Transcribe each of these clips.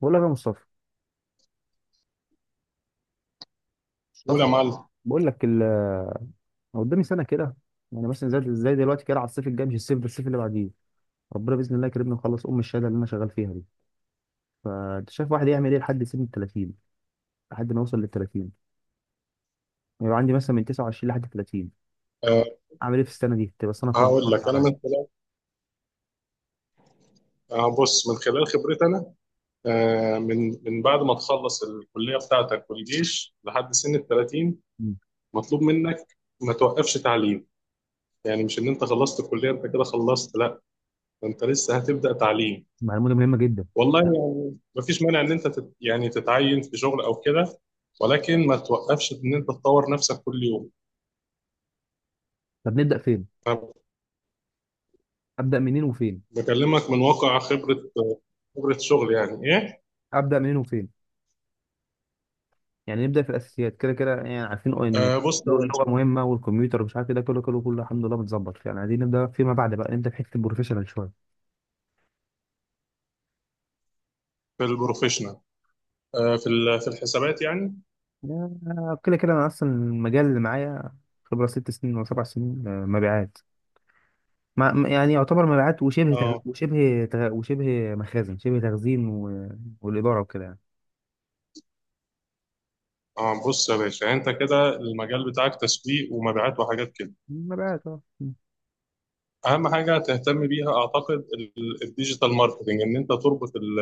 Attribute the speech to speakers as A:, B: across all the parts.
A: بقول لك يا مصطفى،
B: قول يا
A: مصطفى.
B: معلم.
A: بقول لك ال أنا قدامي سنه كده. يعني مثلا زي دلوقتي كده، على الصيف الجاي، مش الصيف ده، الصيف اللي بعديه. ربنا باذن الله يكرمني ونخلص ام الشهاده اللي انا شغال فيها دي. فانت شايف واحد يعمل ايه لحد سن ال 30، لحد ما يوصل لل 30. يبقى عندي مثلا من 29 لحد 30،
B: أه
A: اعمل ايه في السنه دي؟ تبقى السنه فاضيه
B: هقول
A: خالص
B: لك انا
A: عليا.
B: من خلال، أه بص من خلال خبرتي انا. من بعد ما تخلص الكليه بتاعتك والجيش لحد سن ال 30،
A: مم.
B: مطلوب منك ما توقفش تعليم. يعني مش ان انت خلصت الكليه انت كده خلصت، لا، ده انت لسه هتبدا تعليم.
A: معلومه مهمه جدا.
B: والله يعني مفيش مانع ان انت يعني تتعين في شغل او كده، ولكن ما توقفش ان انت تطور نفسك كل يوم.
A: طب نبدا فين؟
B: أنا
A: ابدا منين وفين؟
B: بكلمك من واقع خبره، خبره شغل يعني ايه.
A: ابدا منين وفين يعني نبدا في الاساسيات كده كده. يعني عارفين ان
B: بص يا باشا،
A: اللغه مهمه والكمبيوتر ومش عارف إيه ده، كله كله كله الحمد لله متظبط. يعني عايزين نبدا فيما بعد بقى، نبدا في حته البروفيشنال شويه.
B: في البروفيشنال. في الحسابات يعني.
A: كده كده، انا اصلا المجال اللي معايا خبره ست سنين ولا سبع سنين، مبيعات. يعني يعتبر مبيعات
B: اه
A: وشبه مخازن، شبه تخزين والاداره وكده يعني.
B: اه بص يا باشا، انت كده المجال بتاعك تسويق ومبيعات وحاجات كده.
A: مبيعات اه. مم.
B: اهم حاجه تهتم بيها اعتقد الديجيتال ماركتنج، ان انت تربط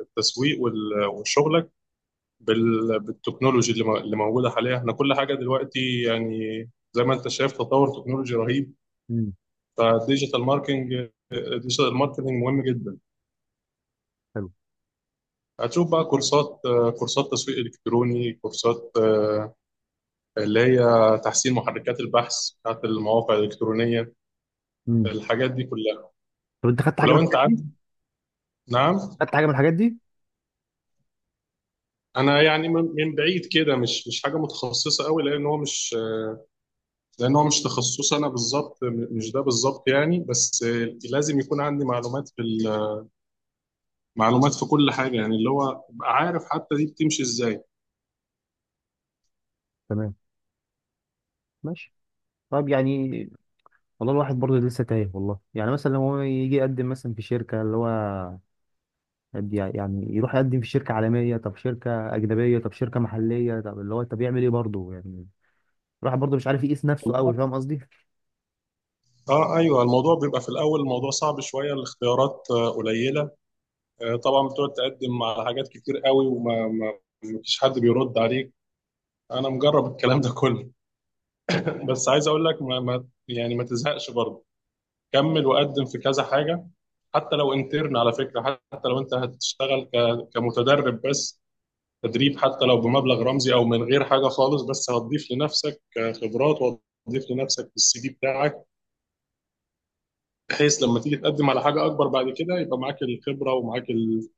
B: التسويق وشغلك بالتكنولوجي اللي اللي موجوده حاليا. احنا كل حاجه دلوقتي يعني زي ما انت شايف تطور تكنولوجي رهيب.
A: مم.
B: فالديجيتال ماركتنج الديجيتال ماركتنج مهم جدا.
A: حلو.
B: هتشوف بقى كورسات، كورسات تسويق الكتروني، كورسات، اللي هي تحسين محركات البحث بتاعت المواقع الإلكترونية،
A: مم.
B: الحاجات دي كلها.
A: طب انت خدت حاجه من
B: ولو أنت
A: الحاجات
B: عارف.
A: دي؟
B: نعم.
A: خدت حاجه من الحاجات دي؟
B: أنا يعني من بعيد كده، مش حاجة متخصصة قوي، لأن هو مش، تخصص أنا بالظبط، مش ده بالظبط يعني. بس لازم يكون عندي معلومات في معلومات في كل حاجة يعني، اللي هو أبقى عارف حتى دي بتمشي إزاي.
A: تمام. ماشي. طيب يعني، والله الواحد برضه لسه تايه. والله يعني مثلا لو هو يجي يقدم مثلا في شركة، اللي هو يعني يروح يقدم في شركة عالمية، طب شركة أجنبية، طب شركة محلية، طب اللي هو، طب يعمل إيه برضه يعني. الواحد برضه مش عارف يقيس نفسه أوي، فاهم قصدي؟
B: اه ايوه، الموضوع بيبقى في الاول، الموضوع صعب شويه، الاختيارات قليله. طبعا بتقعد تقدم على حاجات كتير قوي، وما ما ما فيش حد بيرد عليك. انا مجرب الكلام ده كله بس عايز اقول لك ما ما يعني ما تزهقش برضه، كمل وقدم في كذا حاجه. حتى لو انترن على فكره، حتى لو انت هتشتغل كمتدرب بس، تدريب حتى لو بمبلغ رمزي او من غير حاجه خالص، بس هتضيف لنفسك خبرات وهتضيف لنفسك في السي في بتاعك، بحيث لما تيجي تقدم على حاجه اكبر بعد كده يبقى معاك الخبره ومعاك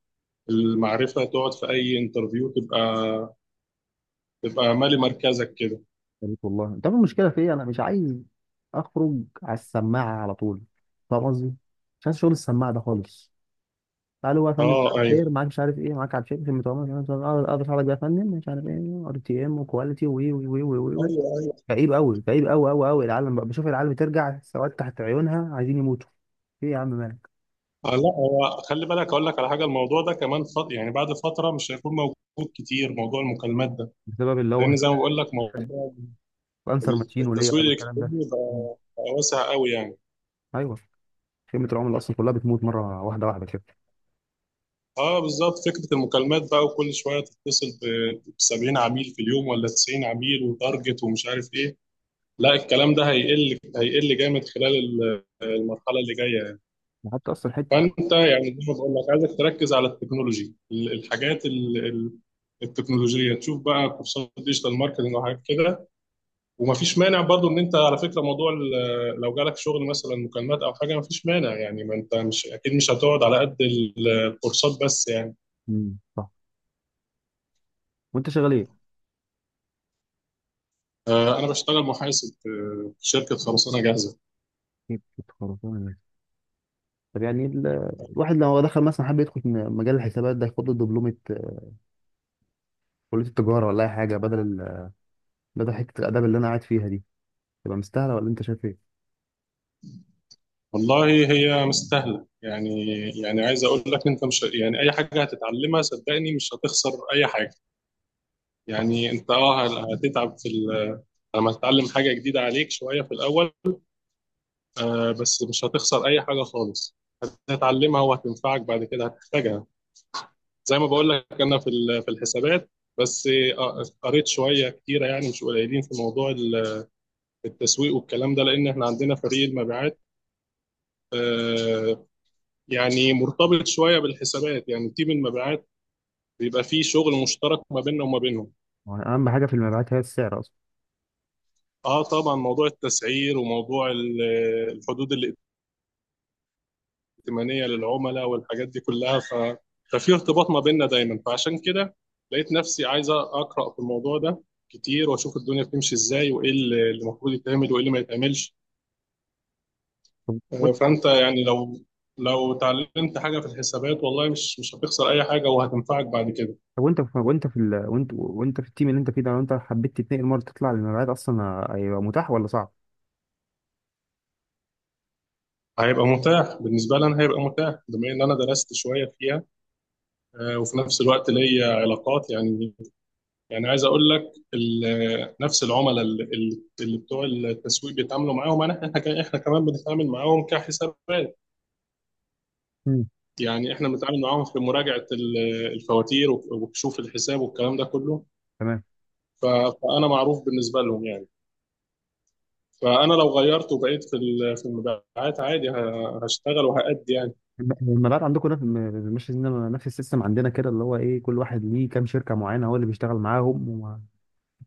B: المعرفه. تقعد في اي انترفيو تبقى مالي مركزك كده.
A: يا ريت والله. أنت عارف المشكلة في إيه؟ أنا مش عايز أخرج على السماعة على طول، فاهم قصدي؟ مش عايز شغل السماعة ده خالص. تعالوا بقى يا فندم، مساء
B: اه
A: الخير،
B: ايوه.
A: معاك مش عارف إيه، معاك على الشركة في المتعامل، أقدر أساعدك بقى يا فندم، مش عارف إيه ار تي إم وكواليتي، وي وي وي وي وي.
B: ايوه.
A: كئيب قوي، كئيب قوي قوي قوي. العالم بقى، بشوف العالم ترجع سواد تحت عيونها عايزين يموتوا. ايه يا عم مالك؟
B: آه، لا، هو خلي بالك اقول لك على حاجه، الموضوع ده كمان يعني بعد فتره مش هيكون موجود كتير، موضوع المكالمات ده.
A: بسبب اللي هو
B: لان زي ما بقول لك
A: الانسر ماتشين وليه
B: التسويق
A: والكلام ده.
B: الالكتروني
A: مم.
B: بقى واسع قوي يعني.
A: ايوه. خيمه العملاء اصلا كلها بتموت مره، واحده واحده كده.
B: اه بالظبط، فكره المكالمات بقى وكل شويه تتصل ب 70 عميل في اليوم ولا 90 عميل وتارجت ومش عارف ايه. لا، الكلام ده هيقل، هيقل جامد خلال المرحله اللي جايه.
A: حتى اصلا حته.
B: فانت يعني زي ما بقول لك عايزك تركز على التكنولوجي، الحاجات التكنولوجيه، تشوف بقى كورسات ديجيتال ماركتنج وحاجات كده. ومفيش مانع برضو ان انت، على فكره، موضوع لو جالك شغل مثلا مكالمات او حاجه مفيش مانع يعني، ما انت مش اكيد مش هتقعد على قد الكورسات بس يعني.
A: صح. وانت شغال ايه؟
B: انا بشتغل محاسب في شركه خرسانه جاهزه.
A: حتة خرسانة. طب يعني الواحد لو دخل مثلا، حب يدخل في مجال الحسابات ده، ياخد له دبلومه، كليه التجاره ولا اي حاجه بدل بدل حته الاداب اللي انا قاعد فيها دي. تبقى مستاهله ولا انت شايف ايه؟
B: والله هي مستاهله يعني عايز اقول لك انت مش، يعني اي حاجه هتتعلمها صدقني مش هتخسر اي حاجه.
A: صح.
B: يعني انت هتتعب في لما تتعلم حاجه جديده عليك شويه في الاول. بس مش هتخسر اي حاجه خالص، هتتعلمها وهتنفعك بعد كده، هتحتاجها. زي ما بقول لك انا في الحسابات بس. قريت شويه كتيره يعني، مش قليلين، في موضوع التسويق والكلام ده، لان احنا عندنا فريق المبيعات. آه، يعني مرتبط شويه بالحسابات، يعني تيم المبيعات بيبقى فيه شغل مشترك ما بيننا وما بينهم.
A: هو اهم حاجه في المبيعات هي السعر اصلا.
B: اه طبعا موضوع التسعير وموضوع الحدود اللي ائتمانيه للعملاء، والحاجات دي كلها ففي ارتباط ما بيننا دايما، فعشان كده لقيت نفسي عايز اقرا في الموضوع ده كتير، واشوف الدنيا بتمشي ازاي، وايه اللي المفروض يتعمل وايه اللي ما يتعملش.
A: طب وانت.
B: فانت يعني لو اتعلمت حاجه في الحسابات والله مش هتخسر اي حاجه وهتنفعك بعد كده.
A: طب وانت في التيم اللي انت فيه ده، لو انت حبيت تتنقل مره تطلع للمبيعات، اصلا هيبقى متاح ولا صعب؟
B: هيبقى متاح بالنسبه لي، انا هيبقى متاح بما ان انا درست شويه فيها. وفي نفس الوقت ليا علاقات يعني عايز اقول لك نفس العملاء اللي بتوع التسويق بيتعاملوا معاهم. احنا كمان بنتعامل معاهم كحسابات.
A: مم.
B: يعني احنا بنتعامل معاهم في مراجعه الفواتير وكشوف الحساب والكلام ده كله.
A: تمام.
B: فانا معروف بالنسبه لهم يعني. فانا لو غيرت وبقيت في المبيعات عادي، هشتغل وهأدي يعني.
A: المبيعات عندكم نفس م- مش زينا- نفس السيستم عندنا كده، اللي هو ايه، كل واحد ليه كام شركه معينه هو اللي بيشتغل معاهم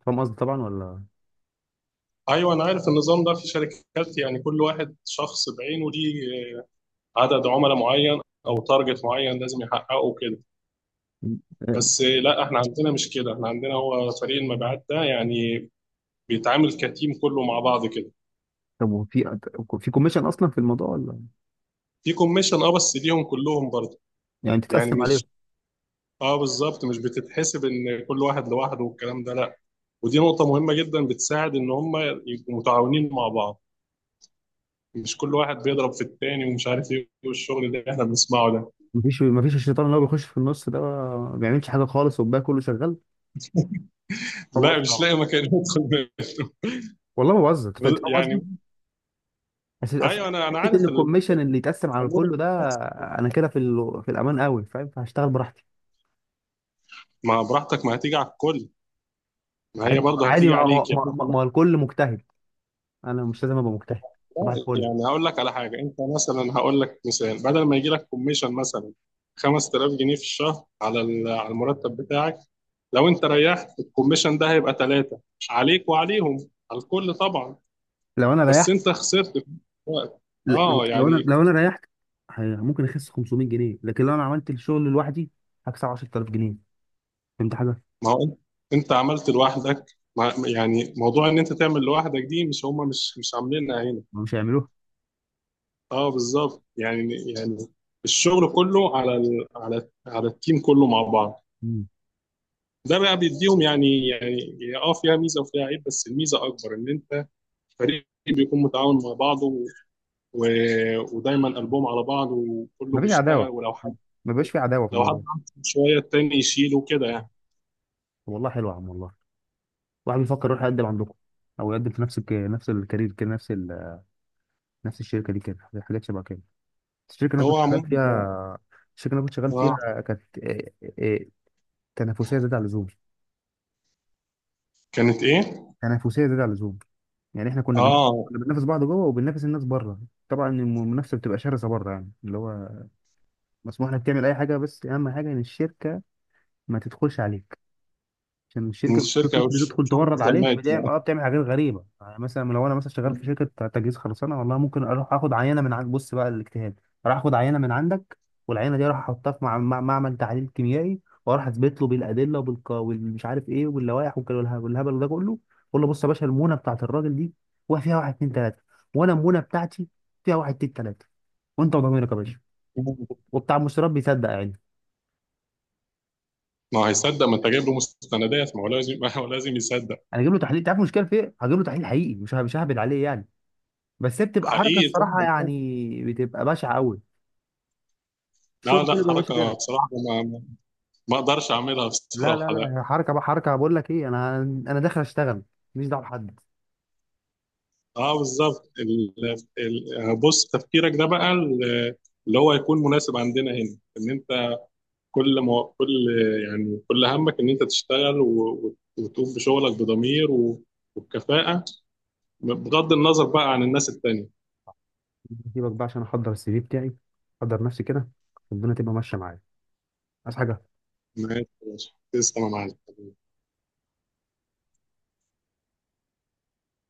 A: فاهم قصدي طبعا ولا؟
B: ايوه انا عارف النظام ده في شركات، يعني كل واحد شخص بعينه ليه عدد عملاء معين او تارجت معين لازم يحققه كده.
A: مم. آه،.
B: بس لا، احنا عندنا مش كده، احنا عندنا هو فريق المبيعات ده يعني بيتعامل كتيم كله مع بعض كده.
A: طب وفي، في كوميشن اصلا في الموضوع ولا؟
B: في كوميشن، بس ليهم كلهم برضه.
A: يعني
B: يعني
A: تتقسم عليهم.
B: مش، اه بالظبط، مش بتتحسب ان كل واحد لوحده والكلام ده، لا. ودي نقطة مهمة جدا بتساعد ان هم يبقوا متعاونين مع بعض، مش كل واحد بيضرب في التاني ومش عارف ايه والشغل اللي احنا بنسمعه ده.
A: مفيش، مفيش الشيطان اللي هو بيخش في النص ده ما بيعملش حاجه خالص والباقي كله شغال، فاهم
B: لا
A: قصدي
B: مش
A: طبعا.
B: لاقي مكان يدخل
A: والله ما بهزر، انت
B: منه.
A: فاهم قصدي.
B: يعني
A: بس بس،
B: ايوه، انا
A: حته ان
B: عارف
A: الكوميشن اللي يتقسم على
B: الامور اللي
A: كله ده،
B: بتحصل.
A: انا كده في في الامان قوي فاهم، فهشتغل براحتي.
B: ما براحتك، ما هتيجي على الكل، ما هي
A: عادي
B: برضه
A: عادي،
B: هتيجي
A: ما هو
B: عليك يعني
A: ما,
B: انت.
A: ما ما هو الكل مجتهد، انا مش لازم ابقى مجتهد. صباح
B: لا،
A: الفل.
B: يعني هقول لك على حاجه، انت مثلا، هقول لك مثال، بدل ما يجي لك كوميشن مثلا 5000 جنيه في الشهر على المرتب بتاعك، لو انت ريحت الكوميشن ده هيبقى ثلاثه، عليك وعليهم، على الكل طبعا.
A: لو انا
B: بس
A: ريحت.
B: انت خسرت في الوقت.
A: ل- لو
B: اه
A: لو انا
B: يعني
A: لو انا ريحت ممكن اخس 500 جنيه، لكن لو انا عملت الشغل لوحدي هكسب 10000 جنيه. فهمت حاجه؟
B: ما هو انت عملت لوحدك. ما يعني موضوع ان انت تعمل لوحدك دي، مش هما، مش عاملينها هنا.
A: ما مش هيعملوها.
B: اه بالظبط يعني الشغل كله على ال... على على التيم كله مع بعض.
A: مم.
B: ده بقى بيديهم يعني فيها ميزه وفيها عيب، بس الميزه اكبر، ان انت فريق بيكون متعاون مع بعضه و... ودايما قلبهم على بعض وكله
A: مفيش
B: بيشتغل،
A: عداوه،
B: ولو حد
A: مبقاش في عداوه في
B: لو حد
A: الموضوع.
B: عنده شويه التاني يشيله كده يعني.
A: طب والله حلو يا عم، والله. واحد بيفكر يروح يقدم عندكم او يقدم في نفس نفس الكارير كده، نفس نفس الشركه دي كده، حاجات شبه كده. الشركه اللي انا
B: هو
A: كنت شغال فيها.
B: عموما،
A: الشركه اللي انا كنت شغال
B: اه.
A: فيها كانت تنافسيه زياده عن اللزوم.
B: كانت ايه؟
A: تنافسيه زياده عن اللزوم. يعني احنا كنا بننافس،
B: اه
A: كنا بننافس بعض جوه وبننافس الناس بره. طبعا المنافسه بتبقى شرسه بره يعني، اللي هو مسموح لك تعمل اي حاجه، بس اهم حاجه ان الشركه ما تدخلش عليك. عشان
B: من
A: الشركه بتدخل،
B: الشركه او الشغل
A: تورد
B: يفضل
A: عليك،
B: ميت.
A: بتعمل بتعمل حاجات غريبه، يعني مثلا لو انا مثلا شغال في شركه تجهيز خرسانه، والله ممكن اروح اخد عينه من عند، بص بقى الاجتهاد، اروح اخد عينه من عندك، والعينه دي اروح احطها في معمل تحليل كيميائي، واروح اثبت له بالادله والمش عارف ايه واللوائح والهبل ده كله. اقول له بص يا باشا، المونه بتاعت الراجل دي فيها واحد اتنين تلاته، وانا المونه بتاعتي فيها واحد اتنين تلاته، وانت وضميرك يا باشا، وبتاع المشتريات بيصدق يعني.
B: ما هو هيصدق، ما انت جايب له مستندات، ما هو لازم ما هو لازم يصدق.
A: انا اجيب له تحليل. تعرف المشكله في ايه؟ هجيب له تحليل حقيقي، مش ههبل عليه يعني. بس هي بتبقى حركه،
B: حقيقي
A: الصراحه
B: طبعا.
A: يعني بتبقى بشعه قوي.
B: لا
A: الشغل
B: لا،
A: كله بيبقى ماشي
B: حركه
A: كده.
B: بصراحه، ما اقدرش اعملها
A: لا
B: بصراحه.
A: لا لا، هي حركه بقى، حركه، بقول لك ايه، انا داخل اشتغل ماليش دعوه بحد.
B: اه بالظبط، بص، تفكيرك ده بقى، اللي هو يكون مناسب عندنا هنا، ان انت كل يعني كل همك ان انت تشتغل وتقوم بشغلك بضمير وبكفاءة، بغض النظر بقى عن الناس التانية.
A: سيبك بقى، عشان احضر السي في بتاعي، احضر نفسي كده، الدنيا تبقى ماشيه معايا. عايز حاجه.
B: ماشي يا باشا. تسلم يا معلم.